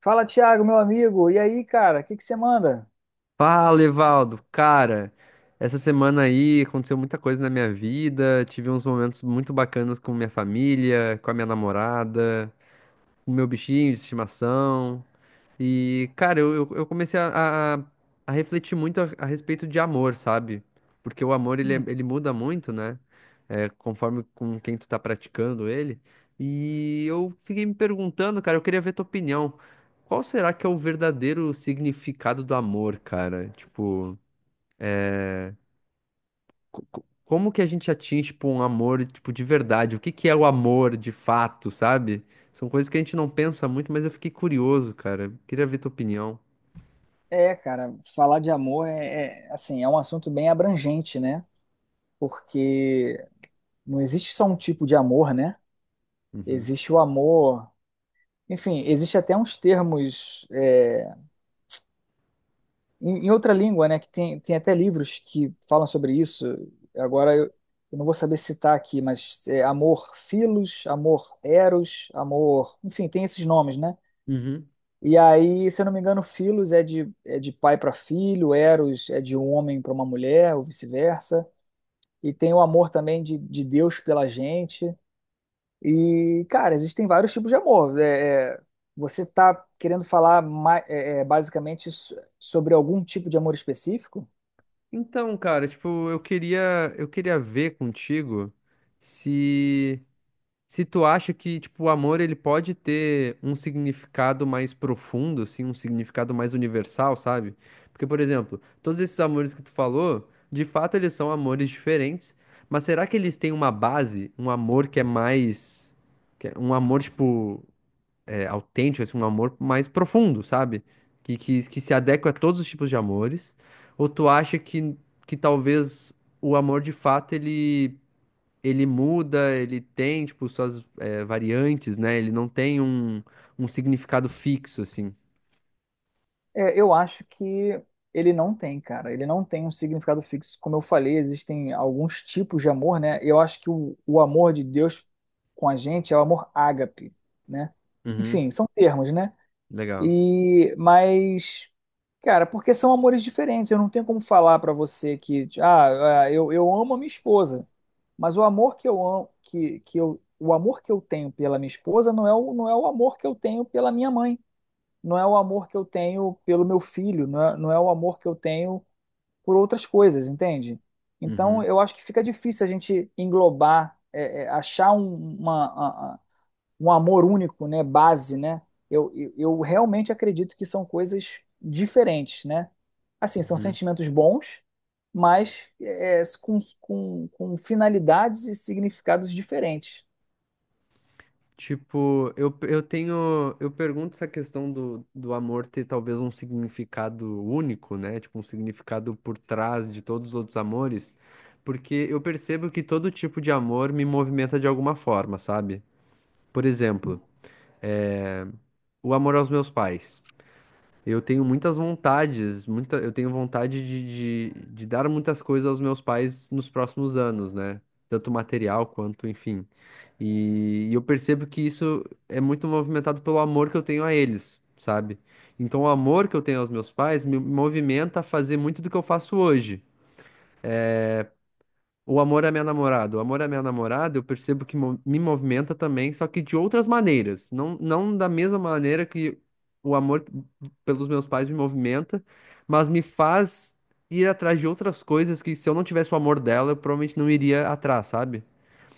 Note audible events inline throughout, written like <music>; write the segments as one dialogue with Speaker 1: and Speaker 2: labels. Speaker 1: Fala, Thiago, meu amigo. E aí, cara, o que que você manda?
Speaker 2: Fala, Evaldo. Cara, essa semana aí aconteceu muita coisa na minha vida. Tive uns momentos muito bacanas com minha família, com a minha namorada, com o meu bichinho de estimação. E, cara, eu comecei a refletir muito a respeito de amor, sabe? Porque o amor, ele muda muito, né? É, conforme com quem tu tá praticando ele. E eu fiquei me perguntando, cara, eu queria ver tua opinião. Qual será que é o verdadeiro significado do amor, cara? Tipo, como que a gente atinge, tipo, um amor, tipo, de verdade? O que que é o amor de fato, sabe? São coisas que a gente não pensa muito, mas eu fiquei curioso, cara. Queria ver tua opinião.
Speaker 1: É, cara, falar de amor assim, é um assunto bem abrangente, né? Porque não existe só um tipo de amor, né?
Speaker 2: Uhum.
Speaker 1: Existe o amor, enfim, existe até uns termos em outra língua, né? Que tem, tem até livros que falam sobre isso. Agora eu não vou saber citar aqui, mas é amor filos, amor eros, amor, enfim, tem esses nomes, né?
Speaker 2: Uhum.
Speaker 1: E aí, se eu não me engano, Filos é de pai para filho, Eros é de um homem para uma mulher, ou vice-versa. E tem o amor também de Deus pela gente. E, cara, existem vários tipos de amor. Você tá querendo falar basicamente sobre algum tipo de amor específico?
Speaker 2: Então, cara, tipo, eu queria ver contigo se se tu acha que, tipo, o amor ele pode ter um significado mais profundo, assim, um significado mais universal, sabe? Porque, por exemplo, todos esses amores que tu falou, de fato eles são amores diferentes, mas será que eles têm uma base, um amor que é mais que é um amor tipo é, autêntico, assim, um amor mais profundo, sabe? Que se adequa a todos os tipos de amores? Ou tu acha que talvez o amor de fato ele, ele muda, ele tem, tipo, suas é, variantes, né? Ele não tem um, um significado fixo, assim.
Speaker 1: É, eu acho que ele não tem, cara. Ele não tem um significado fixo. Como eu falei, existem alguns tipos de amor, né? Eu acho que o amor de Deus com a gente é o amor ágape, né?
Speaker 2: Uhum,
Speaker 1: Enfim, são termos, né?
Speaker 2: legal.
Speaker 1: E, mas, cara, porque são amores diferentes. Eu não tenho como falar pra você que, eu amo a minha esposa, mas o amor que eu amo, o amor que eu tenho pela minha esposa não é não é o amor que eu tenho pela minha mãe, não é o amor que eu tenho pelo meu filho, não é o amor que eu tenho por outras coisas, entende? Então,
Speaker 2: Uhum,
Speaker 1: eu acho que fica difícil a gente englobar, achar um amor único, né, base, né? Eu realmente acredito que são coisas diferentes, né? Assim, são
Speaker 2: uhum.
Speaker 1: sentimentos bons, mas com finalidades e significados diferentes.
Speaker 2: Tipo, eu tenho. Eu pergunto essa questão do, do amor ter talvez um significado único, né? Tipo, um significado por trás de todos os outros amores, porque eu percebo que todo tipo de amor me movimenta de alguma forma, sabe? Por exemplo, é, o amor aos meus pais. Eu tenho muitas vontades, muita, eu tenho vontade de dar muitas coisas aos meus pais nos próximos anos, né? Tanto material quanto, enfim. E eu percebo que isso é muito movimentado pelo amor que eu tenho a eles, sabe? Então, o amor que eu tenho aos meus pais me movimenta a fazer muito do que eu faço hoje. O amor à minha namorada. O amor à minha namorada, eu percebo que me movimenta também, só que de outras maneiras. Não, não da mesma maneira que o amor pelos meus pais me movimenta, mas me faz ir atrás de outras coisas que se eu não tivesse o amor dela, eu provavelmente não iria atrás, sabe?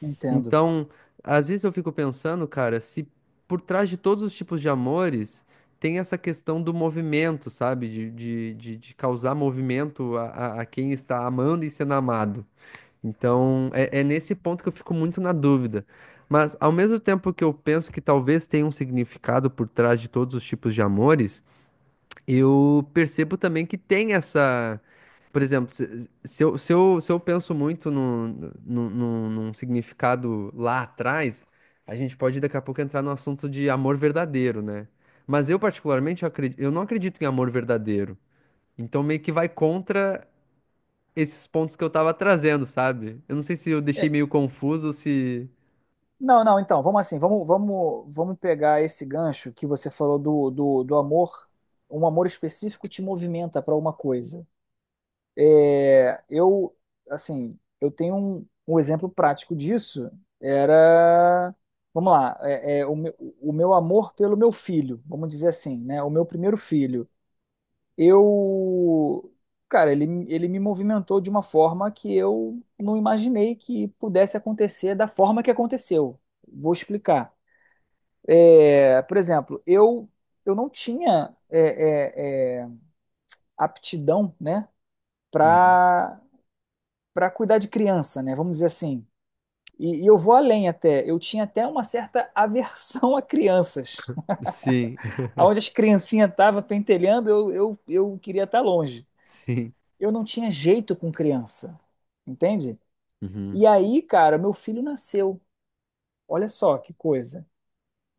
Speaker 1: Entendo.
Speaker 2: Então, às vezes eu fico pensando, cara, se por trás de todos os tipos de amores tem essa questão do movimento, sabe? De causar movimento a, a quem está amando e sendo amado. Então, é nesse ponto que eu fico muito na dúvida. Mas, ao mesmo tempo que eu penso que talvez tenha um significado por trás de todos os tipos de amores, eu percebo também que tem essa. Por exemplo, se eu penso muito num significado lá atrás, a gente pode daqui a pouco entrar no assunto de amor verdadeiro, né? Mas eu, particularmente, eu não acredito em amor verdadeiro. Então, meio que vai contra esses pontos que eu tava trazendo, sabe? Eu não sei se eu
Speaker 1: É,
Speaker 2: deixei meio confuso, ou se.
Speaker 1: não, não, então, vamos assim, vamos pegar esse gancho que você falou do amor, um amor específico te movimenta para uma coisa. É, eu, assim, eu tenho um exemplo prático disso, era, vamos lá, o meu amor pelo meu filho, vamos dizer assim, né, o meu primeiro filho. Eu, cara, ele me movimentou de uma forma que eu não imaginei que pudesse acontecer da forma que aconteceu. Vou explicar. É, por exemplo, eu não tinha aptidão, né,
Speaker 2: Uhum.
Speaker 1: para para cuidar de criança, né? Vamos dizer assim. E eu vou além até. Eu tinha até uma certa aversão a crianças. <laughs>
Speaker 2: Sim. <laughs>
Speaker 1: Aonde as criancinhas estavam pentelhando, eu queria estar longe.
Speaker 2: Sim.
Speaker 1: Eu não tinha jeito com criança, entende?
Speaker 2: Uhum,
Speaker 1: E aí, cara, meu filho nasceu. Olha só que coisa.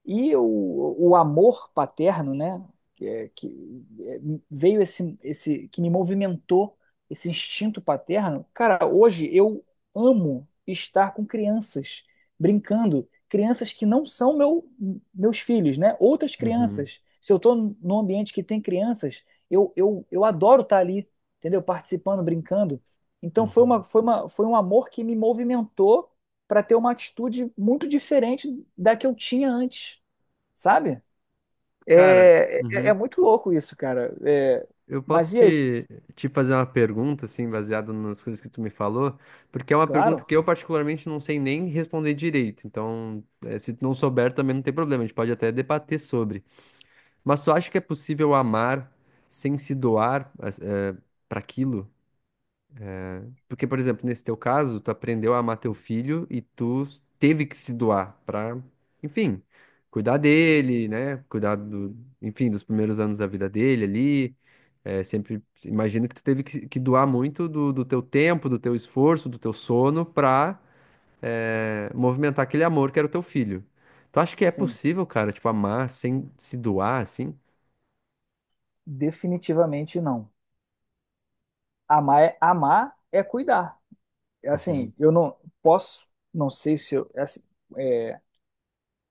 Speaker 1: E o amor paterno, né, que, é- que é, veio que me movimentou, esse instinto paterno. Cara, hoje eu amo estar com crianças, brincando, crianças que não são meu, meus filhos, né, outras
Speaker 2: uhum,
Speaker 1: crianças. Se eu estou num ambiente que tem crianças, eu adoro estar ali, entendeu? Participando, brincando. Então
Speaker 2: uhum.
Speaker 1: foi um amor que me movimentou para ter uma atitude muito diferente da que eu tinha antes, sabe?
Speaker 2: Cara,
Speaker 1: É
Speaker 2: uhum.
Speaker 1: muito louco isso, cara. É,
Speaker 2: Eu posso
Speaker 1: mas e aí?
Speaker 2: te, te fazer uma pergunta, assim, baseada nas coisas que tu me falou, porque é uma pergunta
Speaker 1: Claro,
Speaker 2: que eu particularmente não sei nem responder direito. Então, se tu não souber, também não tem problema, a gente pode até debater sobre. Mas tu acha que é possível amar sem se doar, para aquilo? Porque, por exemplo, nesse teu caso, tu aprendeu a amar teu filho e teve que se doar pra, enfim, cuidar dele, né? Cuidar do, enfim, dos primeiros anos da vida dele ali. É, sempre imagino que tu teve que, que doar muito do, do teu tempo, do teu esforço, do teu sono pra, é, movimentar aquele amor que era o teu filho. Tu acha que é
Speaker 1: sim,
Speaker 2: possível, cara, tipo, amar sem se doar, assim?
Speaker 1: definitivamente não. Amar é cuidar. É. Assim,
Speaker 2: Uhum.
Speaker 1: eu não posso, não sei se eu, é assim, é,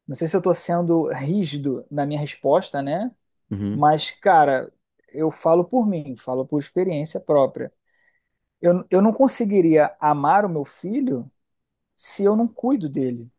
Speaker 1: não sei se eu tô sendo rígido na minha resposta, né?
Speaker 2: Uhum.
Speaker 1: Mas, cara, eu falo por mim, falo por experiência própria. Eu não conseguiria amar o meu filho se eu não cuido dele.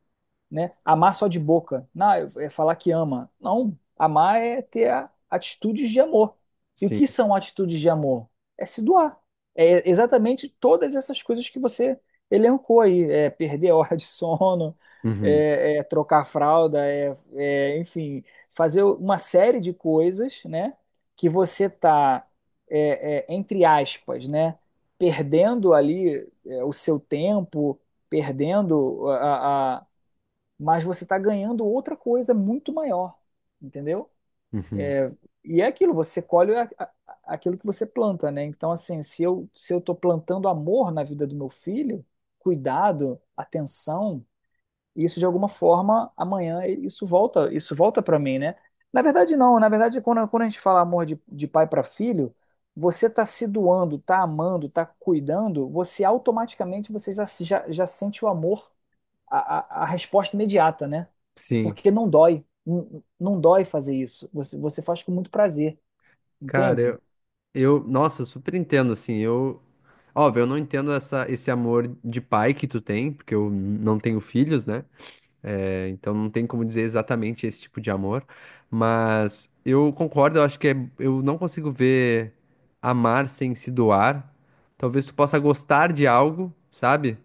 Speaker 1: Né? Amar só de boca. Não, é falar que ama. Não, amar é ter atitudes de amor. E o
Speaker 2: Sim.
Speaker 1: que são atitudes de amor? É se doar. É exatamente todas essas coisas que você elencou aí. É perder a hora de sono,
Speaker 2: Uhum.
Speaker 1: é trocar a fralda, enfim, fazer uma série de coisas, né? Que você tá, entre aspas, né? Perdendo ali, é, o seu tempo, perdendo mas você está ganhando outra coisa muito maior, entendeu?
Speaker 2: Uhum.
Speaker 1: E é aquilo, você colhe aquilo que você planta, né? Então, assim, se eu estou plantando amor na vida do meu filho, cuidado, atenção, isso de alguma forma amanhã isso volta para mim, né? Na verdade, não. Na verdade, quando a gente fala amor de pai para filho, você está se doando, está amando, está cuidando, você automaticamente você já sente o amor, a resposta imediata, né?
Speaker 2: Sim.
Speaker 1: Porque não dói. Não, não dói fazer isso. Você faz com muito prazer, entende?
Speaker 2: Cara, eu, nossa, super entendo, assim, eu, óbvio, eu não entendo essa, esse amor de pai que tu tem, porque eu não tenho filhos, né? É, então não tem como dizer exatamente esse tipo de amor, mas eu concordo, eu acho que é, eu não consigo ver amar sem se doar. Talvez tu possa gostar de algo, sabe?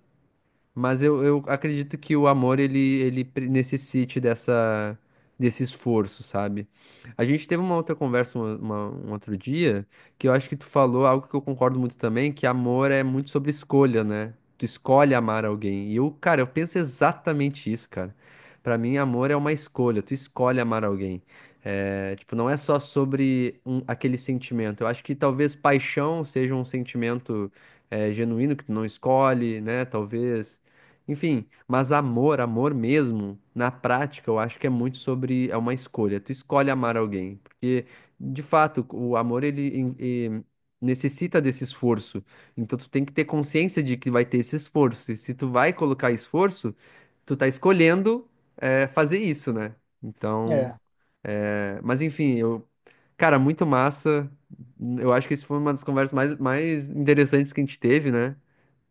Speaker 2: Mas eu acredito que o amor ele necessite dessa, desse esforço, sabe? A gente teve uma outra conversa um outro dia que eu acho que tu falou algo que eu concordo muito também, que amor é muito sobre escolha, né? Tu escolhe amar alguém. E eu, cara, eu penso exatamente isso, cara. Pra mim, amor é uma escolha, tu escolhe amar alguém. É, tipo, não é só sobre aquele sentimento. Eu acho que talvez paixão seja um sentimento, é, genuíno que tu não escolhe, né? Talvez. Enfim, mas amor, amor mesmo, na prática, eu acho que é muito sobre, é uma escolha. Tu escolhe amar alguém, porque de fato, o amor ele necessita desse esforço. Então tu tem que ter consciência de que vai ter esse esforço. E se tu vai colocar esforço, tu tá escolhendo é, fazer isso, né? Então,
Speaker 1: É.
Speaker 2: é, mas enfim, eu, cara, muito massa. Eu acho que isso foi uma das conversas mais, mais interessantes que a gente teve, né?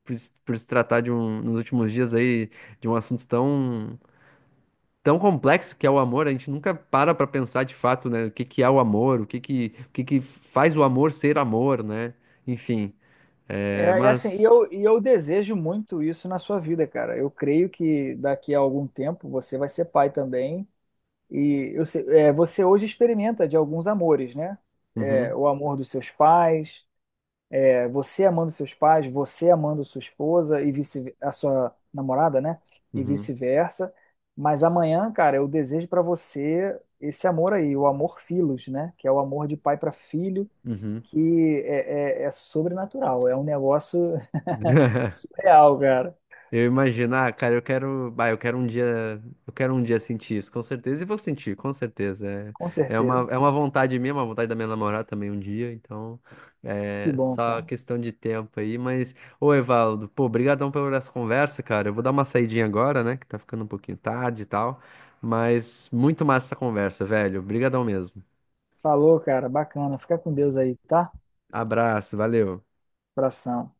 Speaker 2: Por, se por se tratar de um, nos últimos dias aí, de um assunto tão, tão complexo que é o amor, a gente nunca para pra pensar de fato, né, o que que é o amor, o que que faz o amor ser amor, né? Enfim,
Speaker 1: É,
Speaker 2: é,
Speaker 1: é assim,
Speaker 2: mas...
Speaker 1: e eu desejo muito isso na sua vida, cara. Eu creio que daqui a algum tempo você vai ser pai também. E eu, sei- é, você hoje experimenta de alguns amores, né? É,
Speaker 2: Uhum,
Speaker 1: o amor dos seus pais, é, você amando seus pais, você amando sua esposa e vice a sua namorada, né? E
Speaker 2: uhum,
Speaker 1: vice-versa. Mas amanhã, cara, eu desejo para você esse amor aí, o amor filos, né? Que é o amor de pai para filho,
Speaker 2: uhum.
Speaker 1: é sobrenatural, é um negócio <laughs>
Speaker 2: <laughs>
Speaker 1: surreal, cara.
Speaker 2: Eu imagino, ah, cara, eu quero, bah, eu quero um dia sentir isso, com certeza, e vou sentir, com certeza.
Speaker 1: Com
Speaker 2: É,
Speaker 1: certeza.
Speaker 2: é uma vontade minha, uma vontade da minha namorada também um dia, então
Speaker 1: Que
Speaker 2: é
Speaker 1: bom,
Speaker 2: só
Speaker 1: cara.
Speaker 2: questão de tempo aí, mas, ô Evaldo, pô, brigadão pela essa conversa, cara. Eu vou dar uma saidinha agora, né, que tá ficando um pouquinho tarde e tal, mas muito massa essa conversa, velho. Brigadão mesmo.
Speaker 1: Falou, cara. Bacana. Fica com Deus aí, tá?
Speaker 2: Abraço, valeu.
Speaker 1: Abração.